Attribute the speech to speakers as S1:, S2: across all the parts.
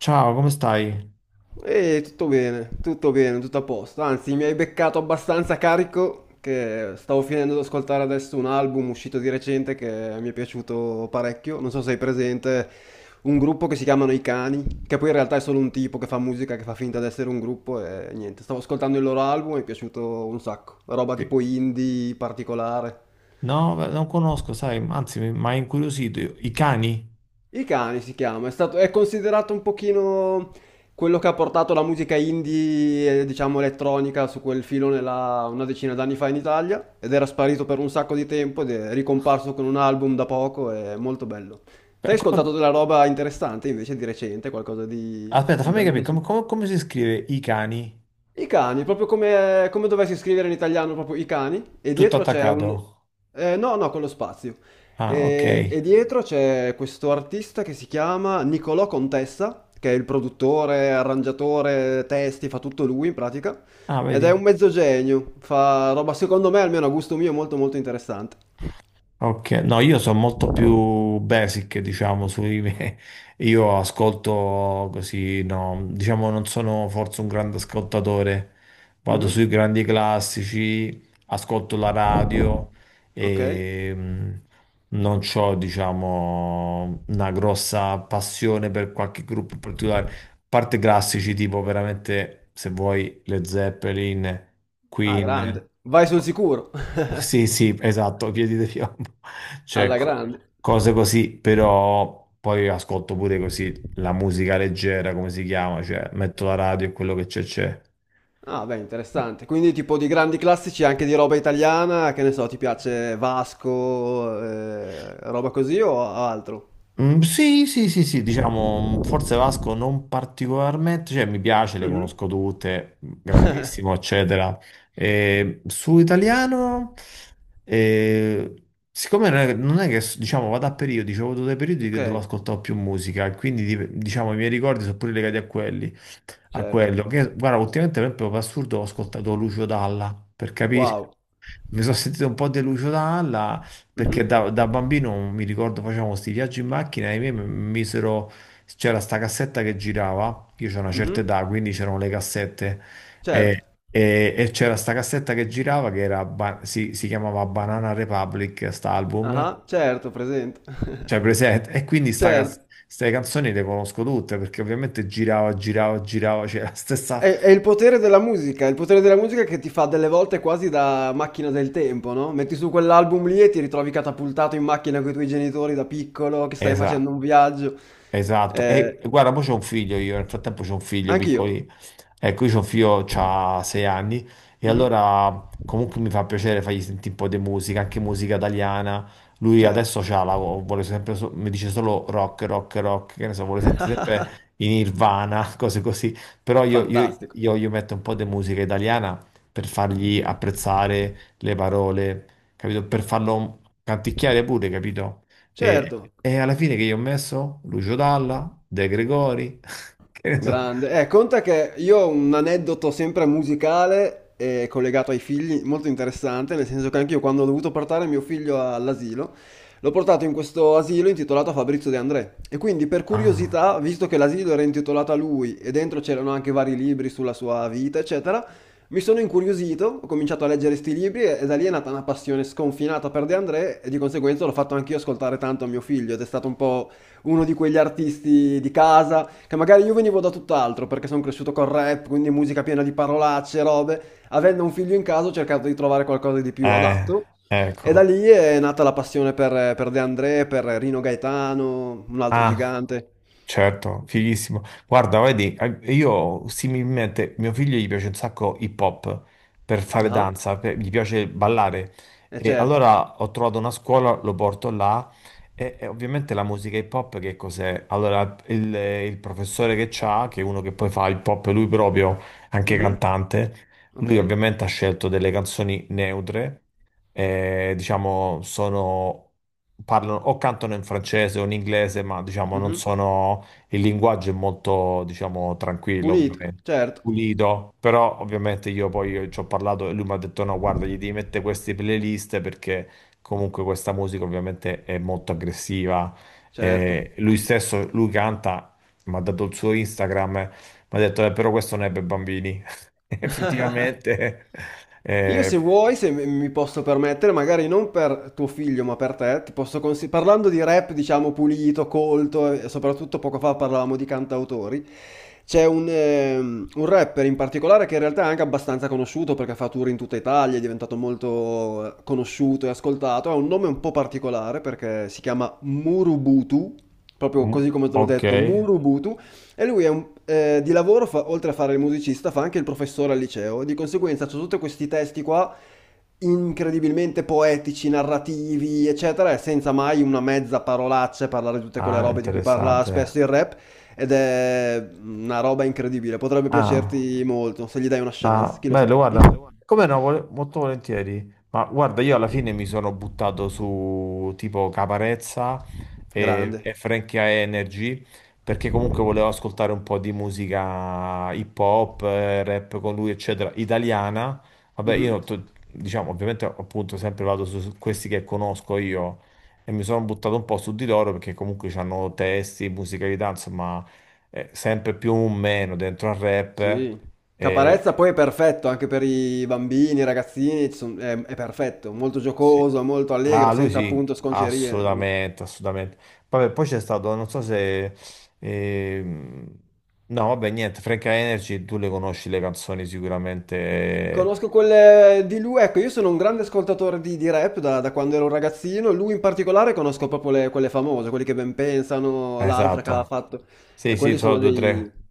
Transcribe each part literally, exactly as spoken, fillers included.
S1: Ciao, come stai?
S2: E tutto bene, tutto bene, tutto a posto. Anzi, mi hai beccato abbastanza carico che stavo finendo di ascoltare adesso un album uscito di recente che mi è piaciuto parecchio. Non so se hai presente un gruppo che si chiamano I Cani, che poi in realtà è solo un tipo che fa musica, che fa finta di essere un gruppo e niente. Stavo ascoltando il loro album e mi è piaciuto un sacco. Roba
S1: Che-
S2: tipo indie particolare.
S1: No, beh, non conosco, sai, anzi, mi mi ha incuriosito. I cani?
S2: I cani si chiama, è stato, è considerato un pochino quello che ha portato la musica indie, e, diciamo elettronica, su quel filone là una decina d'anni fa in Italia ed era sparito per un sacco di tempo ed è ricomparso con un album da poco, è molto bello. Te
S1: Beh,
S2: hai
S1: come-
S2: ascoltato della roba interessante invece di recente, qualcosa di
S1: Aspetta, fammi capire, come, come- come si scrive i cani?
S2: i cani, proprio come, come dovessi scrivere in italiano, proprio i cani, e
S1: Tutto
S2: dietro c'è un...
S1: attaccato.
S2: eh, no, no, con lo spazio.
S1: Ah, ok.
S2: E, e dietro c'è questo artista che si chiama Nicolò Contessa, che è il produttore, arrangiatore, testi, fa tutto lui in pratica,
S1: Ah,
S2: ed è un
S1: vedi?
S2: mezzo genio, fa roba secondo me, almeno a gusto mio, molto molto interessante.
S1: Ok, no, io sono molto più basic, diciamo, sui me. Io ascolto così, no, diciamo non sono forse un grande ascoltatore. Vado
S2: Mhm.
S1: sui grandi classici, ascolto la radio
S2: Ok?
S1: e mm, non ho, diciamo, una grossa passione per qualche gruppo particolare parte classici tipo veramente, se vuoi, le Zeppelin,
S2: Ah,
S1: Queen.
S2: grande. Vai sul sicuro.
S1: Sì, sì, esatto, Piedi di Piombo. Cioè,
S2: Alla
S1: co-
S2: grande.
S1: cose così, però poi ascolto pure così la musica leggera, come si chiama, cioè metto la radio e quello che c'è c'è.
S2: Ah, beh, interessante. Quindi tipo di grandi classici anche di roba italiana, che ne so, ti piace Vasco, eh, roba così o altro?
S1: Mm, sì, sì, sì, sì, diciamo, mm, forse Vasco non particolarmente, cioè mi piace, le
S2: Mhm.
S1: conosco tutte, mm, grandissimo, eccetera. Eh, su italiano, eh, siccome non è, non è che, diciamo, vado a periodi, c'ho avuto dei periodi che
S2: Ok,
S1: dovevo ascoltare più musica, e quindi, di- diciamo, i miei ricordi sono pure legati a quelli, a
S2: certo.
S1: quello. Che, guarda, ultimamente, per esempio, per assurdo, ho ascoltato Lucio Dalla, per capire.
S2: Wow.
S1: Mi sono sentito un po' deluso da Anna
S2: Mhm.
S1: perché da, da bambino mi ricordo facevamo questi viaggi in macchina e i miei mi misero, c'era sta cassetta che girava, io c'ho una certa
S2: Mhm.
S1: età, quindi c'erano le cassette e,
S2: Certo.
S1: e- e c'era sta cassetta che girava che era ba- si, si chiamava Banana Republic, sta album,
S2: Ah, certo, presente.
S1: cioè presente, e quindi sta, cas-
S2: Certo.
S1: ste canzoni le conosco tutte perché ovviamente girava, girava, girava, c'era la stessa...
S2: È, è il potere della musica, è il potere della musica che ti fa delle volte quasi da macchina del tempo, no? Metti su quell'album lì e ti ritrovi catapultato in macchina con i tuoi genitori da piccolo, che stai facendo
S1: Esatto.
S2: un viaggio.
S1: Esatto,
S2: Eh,
S1: e e guarda, mo c'ho un figlio io, nel frattempo c'ho un figlio
S2: anch'io.
S1: piccoli, ecco, io c'ho un figlio, c'ha sei anni, e
S2: Mhm,
S1: allora comunque mi fa piacere fargli sentire un po' di musica, anche musica italiana, lui
S2: certo.
S1: adesso c'ha la, vuole sempre, so- mi dice solo rock, rock, rock, che ne so, vuole sentire sempre in Nirvana, cose così, però io, io,
S2: Fantastico.
S1: io gli metto un po' di musica italiana per fargli apprezzare le parole, capito? Per farlo canticchiare pure, capito? E,
S2: Certo.
S1: e alla fine che io ho messo? Lucio Dalla, De Gregori, che ne so.
S2: Grande. Eh, conta che io ho un aneddoto sempre musicale e collegato ai figli, molto interessante, nel senso che anch'io quando ho dovuto portare mio figlio all'asilo, l'ho portato in questo asilo intitolato a Fabrizio De André. E quindi per
S1: Ah,
S2: curiosità, visto che l'asilo era intitolato a lui e dentro c'erano anche vari libri sulla sua vita, eccetera, mi sono incuriosito, ho cominciato a leggere sti libri e, e da lì è nata una passione sconfinata per De André e di conseguenza l'ho fatto anch'io ascoltare tanto a mio figlio ed è stato un po' uno di quegli artisti di casa che magari io venivo da tutt'altro perché sono cresciuto col rap, quindi musica piena di parolacce, robe. Avendo un figlio in casa ho cercato di trovare qualcosa di più
S1: eh,
S2: adatto e da
S1: ecco.
S2: lì è nata la passione per, per De André, per Rino Gaetano, un altro
S1: Ah.
S2: gigante.
S1: Certo, fighissimo. Guarda, vedi, eh, io similmente, mio figlio gli piace un sacco hip hop per fare
S2: Ah,
S1: danza, per- gli piace ballare.
S2: eh
S1: E
S2: certo.
S1: allora ho trovato una scuola, lo porto là e, e ovviamente la musica hip hop che cos'è? Allora il, il professore che c'ha, che è uno che poi fa hip hop, lui proprio, anche
S2: Mhm.
S1: cantante,
S2: Ok.
S1: lui ovviamente ha scelto delle canzoni neutre eh, diciamo, sono, parlano o cantano in francese o in inglese, ma diciamo non
S2: Mhm.
S1: sono, il linguaggio è molto, diciamo, tranquillo,
S2: Pulito,
S1: ovviamente.
S2: certo,
S1: Pulito, però ovviamente io poi io ci ho parlato e lui mi ha detto: No, guarda, gli devi mettere queste playlist perché comunque questa musica ovviamente è molto aggressiva.
S2: certo.
S1: Eh, lui stesso, lui canta, mi ha dato il suo Instagram, eh, mi ha detto: "Eh, Però questo non è per bambini. Effettivamente,
S2: Io se
S1: eh,
S2: vuoi, se mi mi posso permettere, magari non per tuo figlio, ma per te, ti posso consi- parlando di rap, diciamo, pulito, colto, e soprattutto poco fa parlavamo di cantautori, c'è un, ehm, un rapper in particolare che in realtà è anche abbastanza conosciuto perché fa tour in tutta Italia, è diventato molto eh, conosciuto e ascoltato, ha un nome un po' particolare perché si chiama Murubutu, proprio
S1: Mm,
S2: così come te l'ho
S1: Ok,
S2: detto, Murubutu, e lui è un- eh, di lavoro, fa- oltre a fare il musicista, fa anche il professore al liceo. Di conseguenza, c'è tutti questi testi qua incredibilmente poetici, narrativi, eccetera, e senza mai una mezza parolaccia e parlare di tutte quelle
S1: ah,
S2: robe di cui parla
S1: interessante.
S2: spesso il rap. Ed è una roba incredibile. Potrebbe
S1: Ah,
S2: piacerti molto se gli dai una chance,
S1: Ah,
S2: chi lo sa.
S1: bello, guarda,
S2: Devo-
S1: come no, vole- molto volentieri. Ma guarda, io alla fine mi sono buttato su tipo Caparezza e,
S2: Grande.
S1: e Frankie Energy perché comunque volevo ascoltare un po' di musica hip hop, eh, rap con lui, eccetera, italiana. Vabbè, io
S2: Mhm.
S1: to- diciamo, ovviamente appunto sempre vado su, su questi che conosco io e mi sono buttato un po' su di loro perché comunque hanno testi, musicalità, insomma, eh, sempre più o meno dentro al rap.
S2: Sì.
S1: eh,
S2: Caparezza poi è perfetto anche per i bambini, i ragazzini, ci son- è, è perfetto, molto
S1: Sì.
S2: giocoso, molto allegro,
S1: Ah, lui
S2: senza
S1: sì,
S2: appunto sconcerie. Mm.
S1: assolutamente, assolutamente. Vabbè, poi c'è stato, non so se... ehm, No, vabbè, niente, Frank Energy, tu le conosci le canzoni sicuramente. eh,
S2: Conosco quelle di lui, ecco, io sono un grande ascoltatore di, di rap da, da quando ero un ragazzino, lui in particolare conosco proprio le- quelle famose, quelli che ben pensano, l'altra che ha
S1: Esatto.
S2: fatto, e
S1: Sì, sì,
S2: quelli
S1: sono
S2: sono
S1: due o
S2: dei...
S1: tre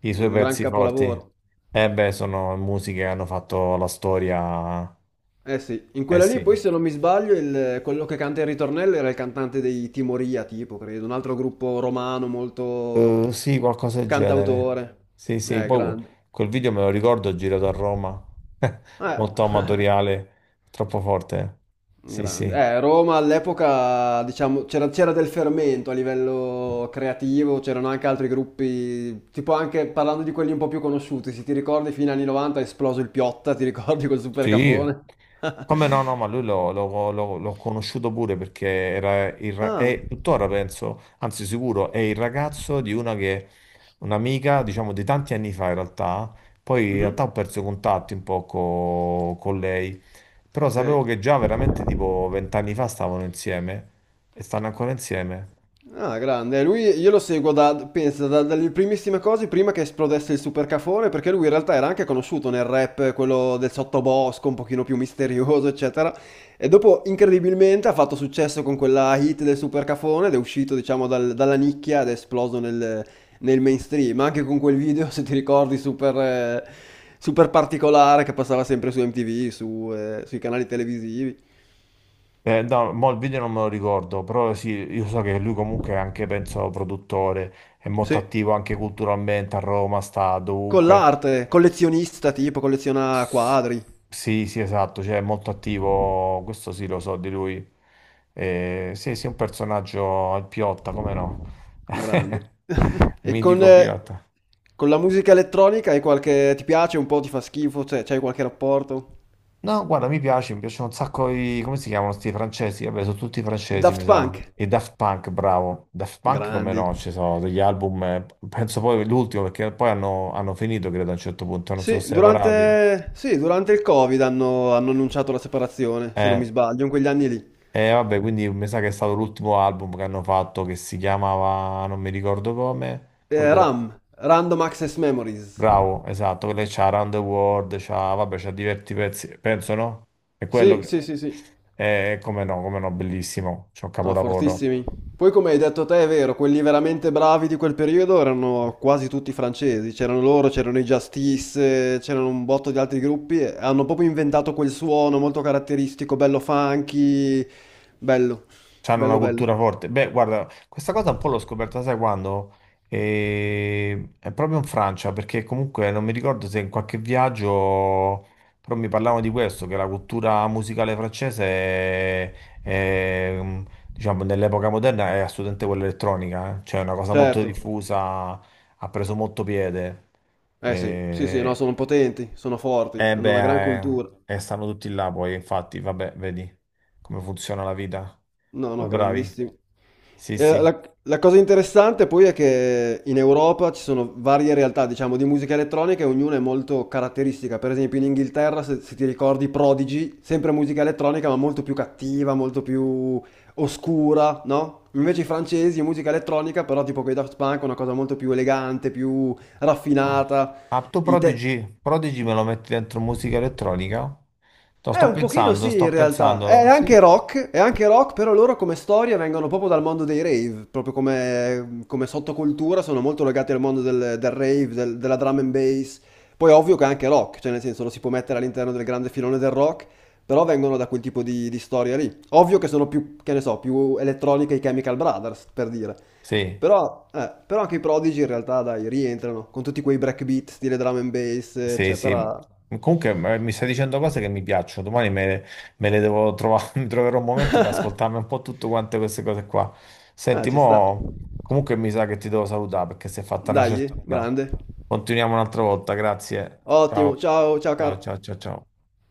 S1: i suoi
S2: un gran
S1: pezzi forti.
S2: capolavoro.
S1: Eh beh, sono musiche che hanno fatto la storia.
S2: Eh sì, in
S1: Eh
S2: quella lì
S1: sì.
S2: poi se non mi sbaglio il- quello che canta il ritornello era il cantante dei Timoria, tipo, credo, un altro gruppo romano molto
S1: Eh, sì, qualcosa del genere.
S2: cantautore.
S1: Sì, sì,
S2: Eh,
S1: poi
S2: grande.
S1: quel video me lo ricordo girato a Roma, molto
S2: Eh,
S1: amatoriale, troppo forte. Sì,
S2: grande.
S1: sì.
S2: Eh, Roma all'epoca, diciamo, c'era c'era del fermento a livello creativo, c'erano anche altri gruppi, tipo anche parlando di quelli un po' più conosciuti, se ti ricordi fino agli anni novanta è esploso il Piotta, ti ricordi quel super
S1: Sì,
S2: cafone?
S1: Come no, no, ma lui l'ho l'ho- l'ho- l'ho conosciuto pure perché era il, ra-
S2: Ah,
S1: è tuttora, penso, anzi sicuro, è il ragazzo di una che, un'amica, diciamo, di tanti anni fa in realtà, poi in realtà
S2: mhm,
S1: ho perso contatti un po' co- con lei, però
S2: ok.
S1: sapevo che già veramente tipo vent'anni fa stavano insieme e stanno ancora insieme.
S2: Ah, grande. Lui, io lo seguo da, pensa, da- dalle primissime cose, prima che esplodesse il supercafone, perché lui in realtà era anche conosciuto nel rap, quello del sottobosco, un pochino più misterioso, eccetera. E dopo, incredibilmente, ha fatto successo con quella hit del supercafone ed è uscito, diciamo, dal- dalla nicchia ed è esploso nel, nel mainstream. Anche con quel video, se ti ricordi, super, eh, super particolare che passava sempre su M T V, su, eh, sui canali televisivi.
S1: Eh, no, mo il video non me lo ricordo, però sì, io so che lui comunque è anche, penso, produttore, è molto
S2: Sì.
S1: attivo anche culturalmente a Roma, sta
S2: Con
S1: dovunque.
S2: l'arte, collezionista, tipo, colleziona
S1: S-
S2: quadri.
S1: Sì, sì, esatto, cioè è molto attivo, questo sì lo so di lui. Eh, sì, sì, un personaggio, il Piotta, come no?
S2: Grande. E con,
S1: Mitico
S2: eh,
S1: Piotta.
S2: con la musica elettronica hai qualche... ti piace un po', ti fa schifo, cioè c'hai qualche rapporto?
S1: No, guarda, mi piace, mi piacciono un sacco i... come si chiamano sti francesi? Vabbè, sono tutti
S2: I
S1: francesi, mi
S2: Daft
S1: sa.
S2: Punk?
S1: E Daft Punk, bravo. Daft Punk come
S2: Grandi.
S1: no, ci sono degli album, eh, penso poi l'ultimo, perché poi hanno, hanno finito, credo, a un certo punto, non sono
S2: Sì,
S1: separati.
S2: durante, sì, durante il Covid hanno, hanno annunciato la separazione, se non
S1: Eh.
S2: mi sbaglio, in quegli anni lì.
S1: E vabbè, quindi mi sa che è stato l'ultimo album che hanno fatto che si chiamava, non mi ricordo come,
S2: Eh,
S1: quello,
S2: RAM, Random Access Memories.
S1: bravo, esatto, quello che c'ha Around the World, c'ha, vabbè, c'ha diversi pezzi, penso no? È quello
S2: Sì,
S1: che,
S2: sì, sì, sì.
S1: è come no, come no, bellissimo, c'è un
S2: No,
S1: capolavoro.
S2: fortissimi. Poi come hai detto te è vero, quelli veramente bravi di quel periodo erano quasi tutti francesi, c'erano loro, c'erano i Justice, eh, c'erano un botto di altri gruppi, e hanno proprio inventato quel suono molto caratteristico, bello funky, bello,
S1: C'hanno una
S2: bello bello.
S1: cultura forte. Beh, guarda, questa cosa un po' l'ho scoperta, sai quando? Eh, È proprio in Francia, perché comunque non mi ricordo se in qualche viaggio, però mi parlavano di questo, che la cultura musicale francese è, è, mm, diciamo, nell'epoca moderna è assolutamente quella elettronica, eh. Cioè è una cosa molto
S2: Certo,
S1: diffusa, ha preso molto piede.
S2: eh sì, sì sì, no,
S1: Eh,
S2: sono potenti, sono forti,
S1: eh,
S2: hanno
S1: beh,
S2: una gran cultura.
S1: eh, eh, stanno tutti là poi, infatti, vabbè, vedi come funziona la vita.
S2: No,
S1: Sono
S2: no,
S1: bravi.
S2: grandissimi.
S1: Sì,
S2: Eh,
S1: sì.
S2: La, la cosa interessante poi è che in Europa ci sono varie realtà, diciamo, di musica elettronica e ognuna è molto caratteristica. Per esempio in Inghilterra, se, se ti ricordi, Prodigy, sempre musica elettronica, ma molto più cattiva, molto più oscura, no? Invece i francesi, musica elettronica, però tipo con i Daft Punk, una cosa molto più elegante, più
S1: Oh.
S2: raffinata.
S1: Ah, tu
S2: I te-
S1: Prodigy, Prodigy me lo metti dentro musica elettronica? Sto,
S2: Eh,
S1: sto
S2: un pochino
S1: pensando,
S2: sì, in
S1: sto
S2: realtà. È
S1: pensando. Sì,
S2: anche rock, è anche rock, però loro come storia vengono proprio dal mondo dei rave, proprio come, come sottocultura sono molto legati al mondo del, del rave, del- della drum and bass. Poi è ovvio che è anche rock, cioè nel senso lo si può mettere all'interno del grande filone del rock, però vengono da quel tipo di, di storia lì. Ovvio che sono più, che ne so, più elettroniche i Chemical Brothers, per dire.
S1: sì,
S2: Però, eh, però anche i Prodigy in realtà, dai, rientrano, con tutti quei breakbeat, stile drum and bass,
S1: sì. sì.
S2: eccetera.
S1: Comunque eh, mi stai dicendo cose che mi piacciono. Domani me, me le devo trovare, mi troverò un momento per ascoltarmi un po' tutte quante queste cose qua.
S2: Ah,
S1: Senti,
S2: ci sta.
S1: mo, comunque mi sa che ti devo salutare perché si è fatta una
S2: Dai,
S1: certa. ora.
S2: grande.
S1: Continuiamo un'altra volta, grazie.
S2: Ottimo,
S1: Ciao.
S2: ciao, ciao
S1: Ciao,
S2: caro.
S1: ciao, ciao, ciao.